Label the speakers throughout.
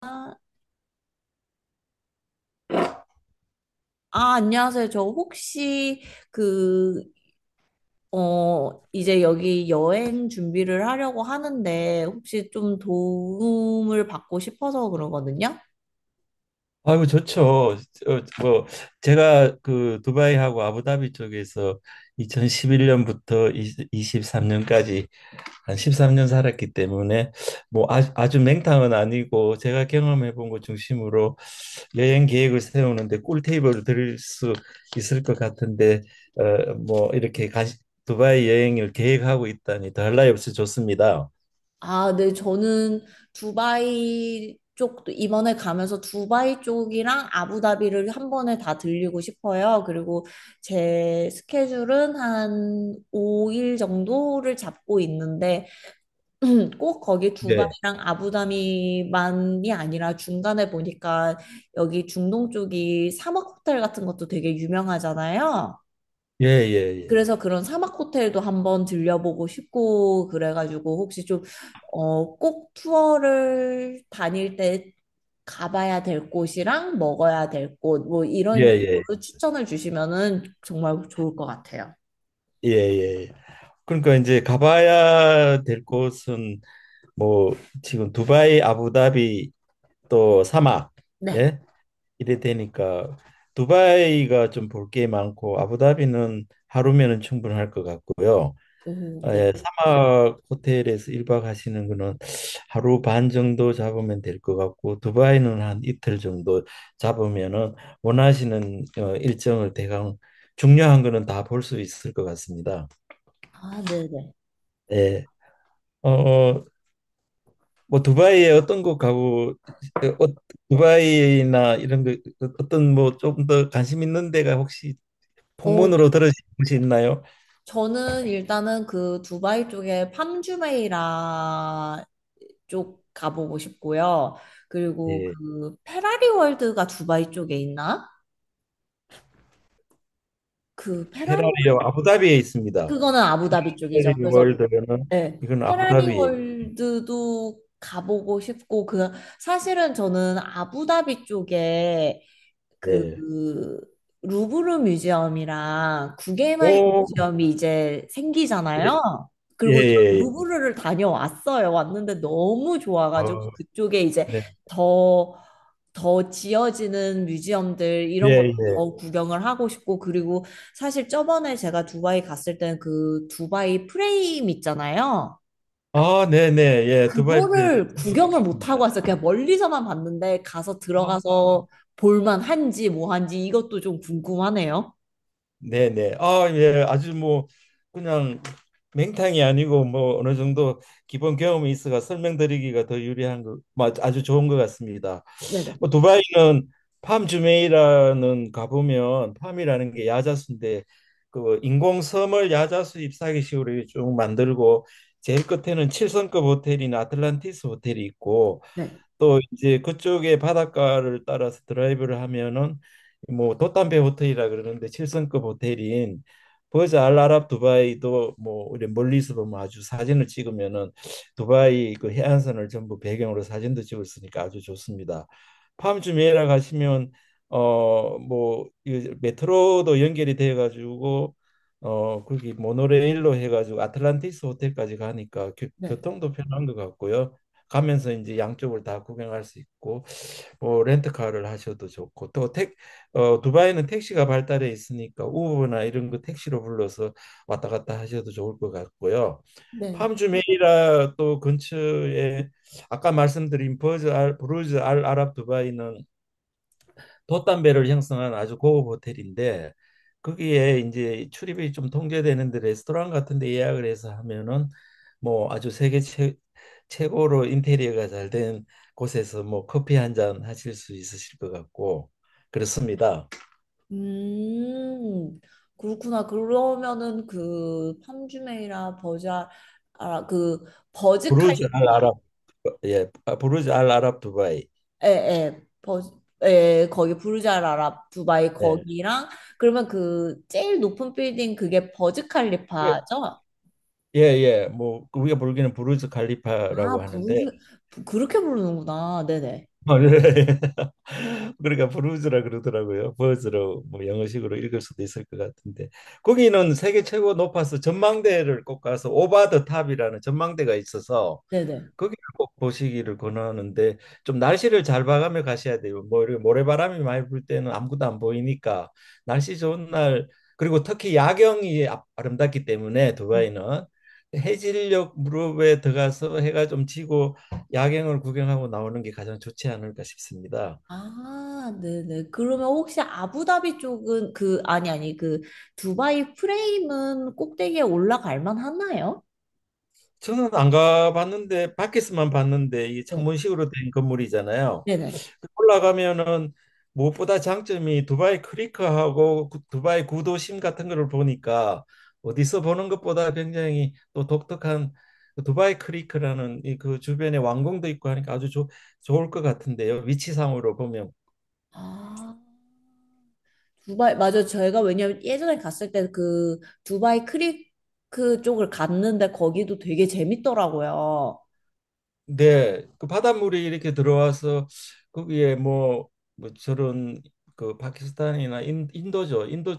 Speaker 1: 아, 안녕하세요. 저 혹시 그, 이제 여기 여행 준비를 하려고 하는데 혹시 좀 도움을 받고 싶어서 그러거든요.
Speaker 2: 아이고 좋죠. 뭐 제가 그 두바이하고 아부다비 쪽에서 2011년부터 23년까지 한 13년 살았기 때문에 뭐 아주 맹탕은 아니고 제가 경험해 본 것 중심으로 여행 계획을 세우는데 꿀테이블을 드릴 수 있을 것 같은데 뭐 이렇게 두바이 여행을 계획하고 있다니 더할 나위 없이 좋습니다.
Speaker 1: 아, 네. 저는 두바이 쪽도 이번에 가면서 두바이 쪽이랑 아부다비를 한 번에 다 들리고 싶어요. 그리고 제 스케줄은 한 5일 정도를 잡고 있는데 꼭 거기
Speaker 2: 네.
Speaker 1: 두바이랑 아부다비만이 아니라 중간에 보니까 여기 중동 쪽이 사막 호텔 같은 것도 되게 유명하잖아요.
Speaker 2: 예예예.
Speaker 1: 그래서 그런 사막 호텔도 한번 들려보고 싶고 그래가지고 혹시 좀, 꼭 투어를 다닐 때 가봐야 될 곳이랑 먹어야 될 곳, 뭐 이런
Speaker 2: 예예.
Speaker 1: 식으로 추천을 주시면은 정말 좋을 것 같아요.
Speaker 2: 예예. 그러니까 이제 가봐야 될 곳은 뭐 지금 두바이, 아부다비 또 사막.
Speaker 1: 네.
Speaker 2: 예. 이래 되니까 두바이가 좀 볼 게 많고 아부다비는 하루면은 충분할 것 같고요.
Speaker 1: 오,
Speaker 2: 아,
Speaker 1: 네.
Speaker 2: 예, 사막 호텔에서 1박 하시는 거는 하루 반 정도 잡으면 될 것 같고 두바이는 한 이틀 정도 잡으면은 원하시는 일정을 대강 중요한 거는 다 볼 수 있을 것 같습니다.
Speaker 1: 아, 네네.
Speaker 2: 예. 어, 어, 뭐 두바이에 어떤 곳 가고 어, 어, 두바이나 이런 거 어떤 뭐 좀 더 관심 있는 데가 혹시
Speaker 1: 어,
Speaker 2: 풍문으로 들으신 곳이 있나요?
Speaker 1: 저는 일단은 그 두바이 쪽에 팜주메이라 쪽 가보고 싶고요. 그리고
Speaker 2: 예.
Speaker 1: 그 페라리 월드가 두바이 쪽에 있나? 그 페라리
Speaker 2: 페라리요,
Speaker 1: 월드
Speaker 2: 아부다비에 있습니다.
Speaker 1: 그거는 아부다비 쪽이죠.
Speaker 2: 페라리
Speaker 1: 그래서
Speaker 2: 월드는
Speaker 1: 네,
Speaker 2: 이건
Speaker 1: 페라리
Speaker 2: 아부다비에.
Speaker 1: 월드도 가보고 싶고 그 사실은 저는 아부다비 쪽에 그
Speaker 2: 예.
Speaker 1: 루브르 뮤지엄이랑 구겐하임
Speaker 2: 오,
Speaker 1: 뮤지엄이 이제
Speaker 2: 예,
Speaker 1: 생기잖아요.
Speaker 2: 예,
Speaker 1: 그리고 저
Speaker 2: 예. 예.
Speaker 1: 루브르를 다녀왔어요. 왔는데 너무 좋아가지고
Speaker 2: 어,
Speaker 1: 그쪽에 이제
Speaker 2: 네.
Speaker 1: 더, 더 지어지는 뮤지엄들 이런
Speaker 2: 예,
Speaker 1: 것도
Speaker 2: 예.
Speaker 1: 더 구경을 하고 싶고 그리고 사실 저번에 제가 두바이 갔을 때는 그 두바이 프레임 있잖아요.
Speaker 2: 아, 네, 네. 예, 두바이 프레임.
Speaker 1: 그거를
Speaker 2: 저도
Speaker 1: 구경을 못
Speaker 2: 가봤습니다.
Speaker 1: 하고 왔어요. 그냥 멀리서만 봤는데 가서
Speaker 2: 아,
Speaker 1: 들어가서 볼만 한지 뭐 한지 이것도 좀 궁금하네요.
Speaker 2: 네, 네. 아, 예. 아주 뭐 그냥 맹탕이 아니고 뭐 어느 정도 기본 경험이 있어가 설명드리기가 더 유리한 거, 뭐 아주 좋은 것 같습니다.
Speaker 1: 네네.
Speaker 2: 뭐 두바이는 팜주메이라는 가보면 팜이라는 게 야자수인데 그 인공섬을 야자수 잎사귀 식으로 쭉 만들고 제일 끝에는 칠성급 호텔인 아틀란티스 호텔이 있고,
Speaker 1: 네.
Speaker 2: 또 이제 그쪽에 바닷가를 따라서 드라이브를 하면은 뭐 돛담배 호텔이라 그러는데, 칠성급 호텔인 버즈 알 아랍 두바이도 뭐 우리 멀리서 보면 아주, 사진을 찍으면은 두바이 그 해안선을 전부 배경으로 사진도 찍을 수 있으니까 아주 좋습니다. 팜 주메이라 가시면 어뭐 메트로도 연결이 돼 가지고 거기 모노레일로 해 가지고 아틀란티스 호텔까지 가니까 교,
Speaker 1: 네.
Speaker 2: 교통도 편한 것 같고요. 가면서 이제 양쪽을 다 구경할 수 있고 뭐 렌트카를 하셔도 좋고 또 두바이는 택시가 발달해 있으니까 우버나 이런 거 택시로 불러서 왔다 갔다 하셔도 좋을 것 같고요.
Speaker 1: 네.
Speaker 2: 팜주메이라 또 근처에 아까 말씀드린 부르즈 알 아랍 두바이는 돛담배를 형성한 아주 고급 호텔인데 거기에 이제 출입이 좀 통제되는데 레스토랑 같은 데 예약을 해서 하면은 뭐 아주 최고로 인테리어가 잘 된 곳에서 뭐 커피 한 잔 하실 수 있으실 것 같고 그렇습니다.
Speaker 1: 음. 그렇구나. 그러면은 그 아, 그
Speaker 2: 부르즈 알
Speaker 1: 버즈칼리파.
Speaker 2: 아랍. 예. 아, 부르즈 알 아랍 두바이.
Speaker 1: 에에. 버즈 거기 부르자라라 두바이
Speaker 2: 예.
Speaker 1: 거기랑 그러면 그 제일 높은 빌딩 그게 버즈 칼리파죠?
Speaker 2: 예. 예. 뭐 우리가 부르기는 부르즈 칼리파라고
Speaker 1: 아,
Speaker 2: 하는데
Speaker 1: 그렇게 부르는구나. 네네.
Speaker 2: 예. 그러니까 브루즈라 그러더라고요. 버즈로 뭐 영어식으로 읽을 수도 있을 것 같은데, 거기는 세계 최고 높아서 전망대를 꼭 가서 오바 더 탑이라는 전망대가 있어서
Speaker 1: 네네.
Speaker 2: 거기를 꼭 보시기를 권하는데, 좀 날씨를 잘 봐가며 가셔야 돼요. 뭐 이렇게 모래바람이 많이 불 때는 아무것도 안 보이니까 날씨 좋은 날, 그리고 특히 야경이 아름답기 때문에
Speaker 1: 음.
Speaker 2: 두바이는 해질녘 무렵에 들어가서 해가 좀 지고 야경을 구경하고 나오는 게 가장 좋지 않을까 싶습니다.
Speaker 1: 아, 네네. 그러면 혹시 아부다비 쪽은 그, 아니, 아니, 그, 두바이 프레임은 꼭대기에 올라갈 만 하나요?
Speaker 2: 저는 안 가봤는데 밖에서만 봤는데 이
Speaker 1: 네.
Speaker 2: 창문식으로 된 건물이잖아요.
Speaker 1: 네네.
Speaker 2: 올라가면은 무엇보다 장점이 두바이 크리크하고 두바이 구도심 같은 거를 보니까 어디서 보는 것보다 굉장히 또 독특한 그 두바이 크리크라는 이 그 주변에 왕궁도 있고 하니까 아주 좋 좋을 것 같은데요, 위치상으로 보면.
Speaker 1: 아, 두바이, 맞아 저희가 왜냐면 예전에 갔을 때 그 두바이 크리크 쪽을 갔는데 거기도 되게 재밌더라고요.
Speaker 2: 네, 그 바닷물이 이렇게 들어와서 거기에 뭐, 뭐 저런 그 파키스탄이나 인도죠. 인도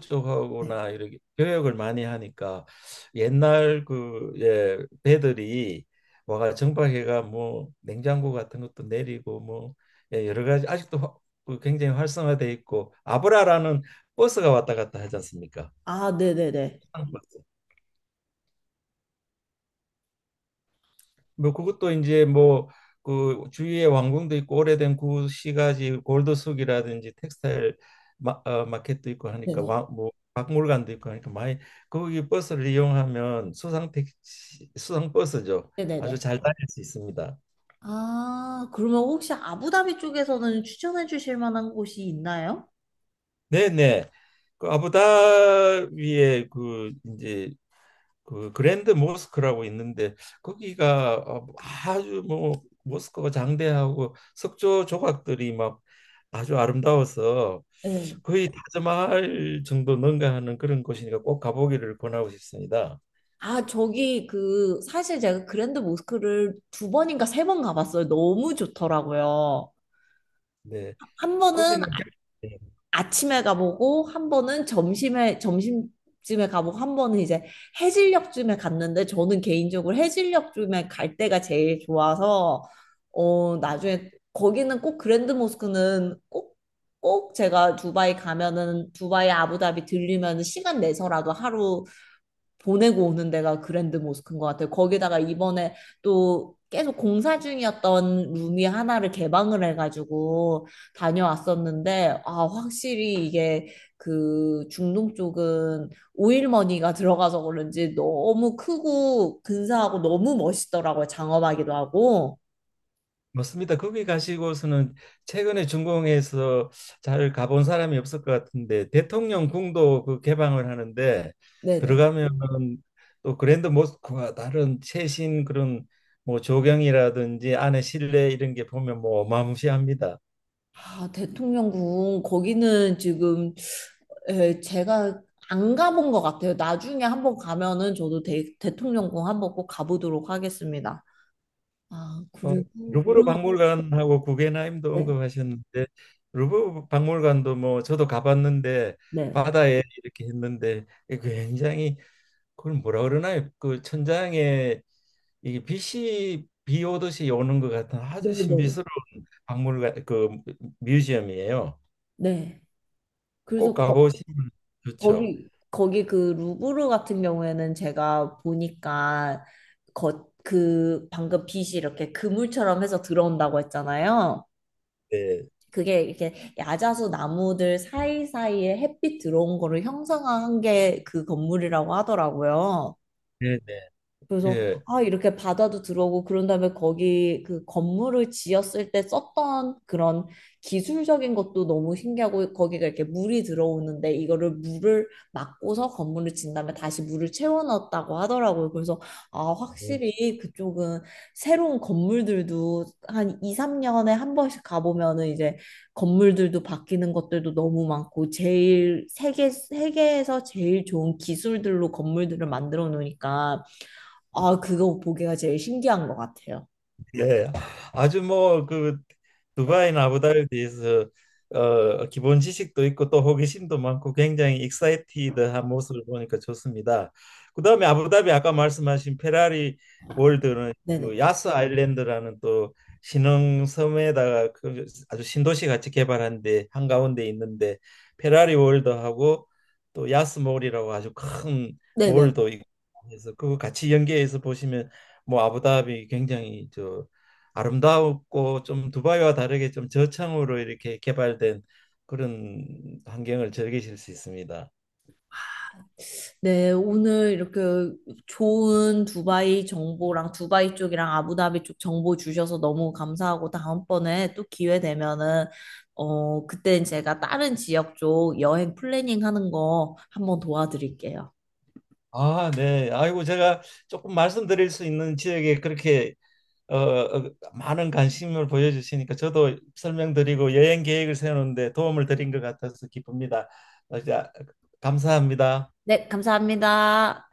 Speaker 1: 네.
Speaker 2: 쪽하고나 이렇게 교역을 많이 하니까 옛날 그 예, 배들이 와가 정박해가 뭐 냉장고 같은 것도 내리고 뭐 예, 여러 가지 아직도 그 굉장히 활성화돼 있고, 아브라라는 버스가 왔다 갔다 하지 않습니까?
Speaker 1: 아, 네네네.
Speaker 2: 뭐 그것도 이제 뭐 그 주위에 왕궁도 있고 오래된 구시가지 골드숙이라든지 텍스타일 마켓도 있고 하니까
Speaker 1: 네네.
Speaker 2: 와, 뭐 박물관도 있고 하니까 많이, 거기 버스를 이용하면 수상 택시, 수상 버스죠. 아주
Speaker 1: 네네네.
Speaker 2: 잘 다닐 수 있습니다.
Speaker 1: 아, 그러면 혹시 아부다비 쪽에서는 추천해 주실 만한 곳이 있나요?
Speaker 2: 네네. 그 아부다비의 그 이제 그 그랜드 모스크라고 있는데 거기가 뭐 아주 뭐 모스크가 장대하고 석조 조각들이 막 아주 아름다워서
Speaker 1: 네
Speaker 2: 거의 타지마할 정도 능가하는 그런 곳이니까 꼭 가보기를 권하고 싶습니다.
Speaker 1: 아, 저기 그 사실 제가 그랜드 모스크를 두 번인가 세 번 가봤어요. 너무 좋더라고요.
Speaker 2: 네,
Speaker 1: 한 번은
Speaker 2: 거기는
Speaker 1: 아- 아침에 가보고 한 번은 점심에 점심쯤에 가보고 한 번은 이제 해질녘쯤에 갔는데 저는 개인적으로 해질녘쯤에 갈 때가 제일 좋아서 나중에 거기는 꼭 그랜드 모스크는 꼭 꼭 제가 두바이 가면은 두바이 아부다비 들리면 시간 내서라도 하루 보내고 오는 데가 그랜드 모스크인 것 같아요. 거기다가 이번에 또 계속 공사 중이었던 룸이 하나를 개방을 해가지고 다녀왔었는데, 아, 확실히 이게 그 중동 쪽은 오일머니가 들어가서 그런지 너무 크고 근사하고 너무 멋있더라고요. 장엄하기도 하고.
Speaker 2: 맞습니다. 거기 가시고서는 최근에 중공에서 잘 가본 사람이 없을 것 같은데 대통령 궁도 그 개방을 하는데
Speaker 1: 네네.
Speaker 2: 들어가면 또 그랜드 모스크와 다른 최신 그런 뭐 조경이라든지 안에 실내 이런 게 보면 뭐 어마무시합니다.
Speaker 1: 아, 대통령궁 거기는 지금 에, 제가 안 가본 것 같아요. 나중에 한번 가면은 저도 대통령궁 한번 꼭 가보도록 하겠습니다. 아,
Speaker 2: 어,
Speaker 1: 그리고
Speaker 2: 루브르
Speaker 1: 그럼
Speaker 2: 박물관하고 구겐하임도
Speaker 1: 네,
Speaker 2: 언급하셨는데 루브르 박물관도 뭐 저도 가봤는데
Speaker 1: 네,
Speaker 2: 바다에 이렇게 했는데 굉장히, 그걸 뭐라 그러나요? 그 천장에 이게 빛이 비 오듯이 오는 것 같은
Speaker 1: 네,
Speaker 2: 아주
Speaker 1: 네, 네.
Speaker 2: 신비스러운 박물관, 그 뮤지엄이에요.
Speaker 1: 네. 그래서
Speaker 2: 꼭 가보시면 좋죠.
Speaker 1: 거기 그 루브르 같은 경우에는 제가 보니까 그 방금 빛이 이렇게 그물처럼 해서 들어온다고 했잖아요.
Speaker 2: 네,
Speaker 1: 그게 이렇게 야자수 나무들 사이사이에 햇빛 들어온 거를 형상화한 게 그 건물이라고 하더라고요.
Speaker 2: 네, 네.
Speaker 1: 그래서
Speaker 2: 예.
Speaker 1: 아 이렇게 바다도 들어오고 그런 다음에 거기 그 건물을 지었을 때 썼던 그런 기술적인 것도 너무 신기하고 거기가 이렇게 물이 들어오는데 이거를 물을 막고서 건물을 진 다음에 다시 물을 채워 넣었다고 하더라고요. 그래서 아
Speaker 2: 네.
Speaker 1: 확실히 그쪽은 새로운 건물들도 한 2, 3년에 한 번씩 가보면은 이제 건물들도 바뀌는 것들도 너무 많고 제일 세계 세계에서 제일 좋은 기술들로 건물들을 만들어 놓으니까 아, 그거 보기가 제일 신기한 것 같아요.
Speaker 2: 예, 아주 뭐 그 두바이나 아부다비에서 기본 지식도 있고 또 호기심도 많고 굉장히 익사이티드한 모습을 보니까 좋습니다. 그다음에 아부다비 아까 말씀하신 페라리 월드는 그
Speaker 1: 네네.
Speaker 2: 야스 아일랜드라는 또 신흥 섬에다가 그 아주 신도시 같이 개발한 데 한가운데 있는데, 페라리 월드하고 또 야스몰이라고 아주 큰
Speaker 1: 네네.
Speaker 2: 몰도 있고 해서 그거 같이 연계해서 보시면 뭐 아부다비 굉장히 저 아름다웠고, 좀 두바이와 다르게 좀 저층으로 이렇게 개발된 그런 환경을 즐기실 수 있습니다.
Speaker 1: 네, 오늘 이렇게 좋은 두바이 정보랑 두바이 쪽이랑 아부다비 쪽 정보 주셔서 너무 감사하고 다음번에 또 기회 되면은 그땐 제가 다른 지역 쪽 여행 플래닝 하는 거 한번 도와드릴게요.
Speaker 2: 아, 네. 아이고 제가 조금 말씀드릴 수 있는 지역에 그렇게 많은 관심을 보여주시니까 저도 설명드리고 여행 계획을 세우는데 도움을 드린 것 같아서 기쁩니다. 자, 감사합니다.
Speaker 1: 네, 감사합니다.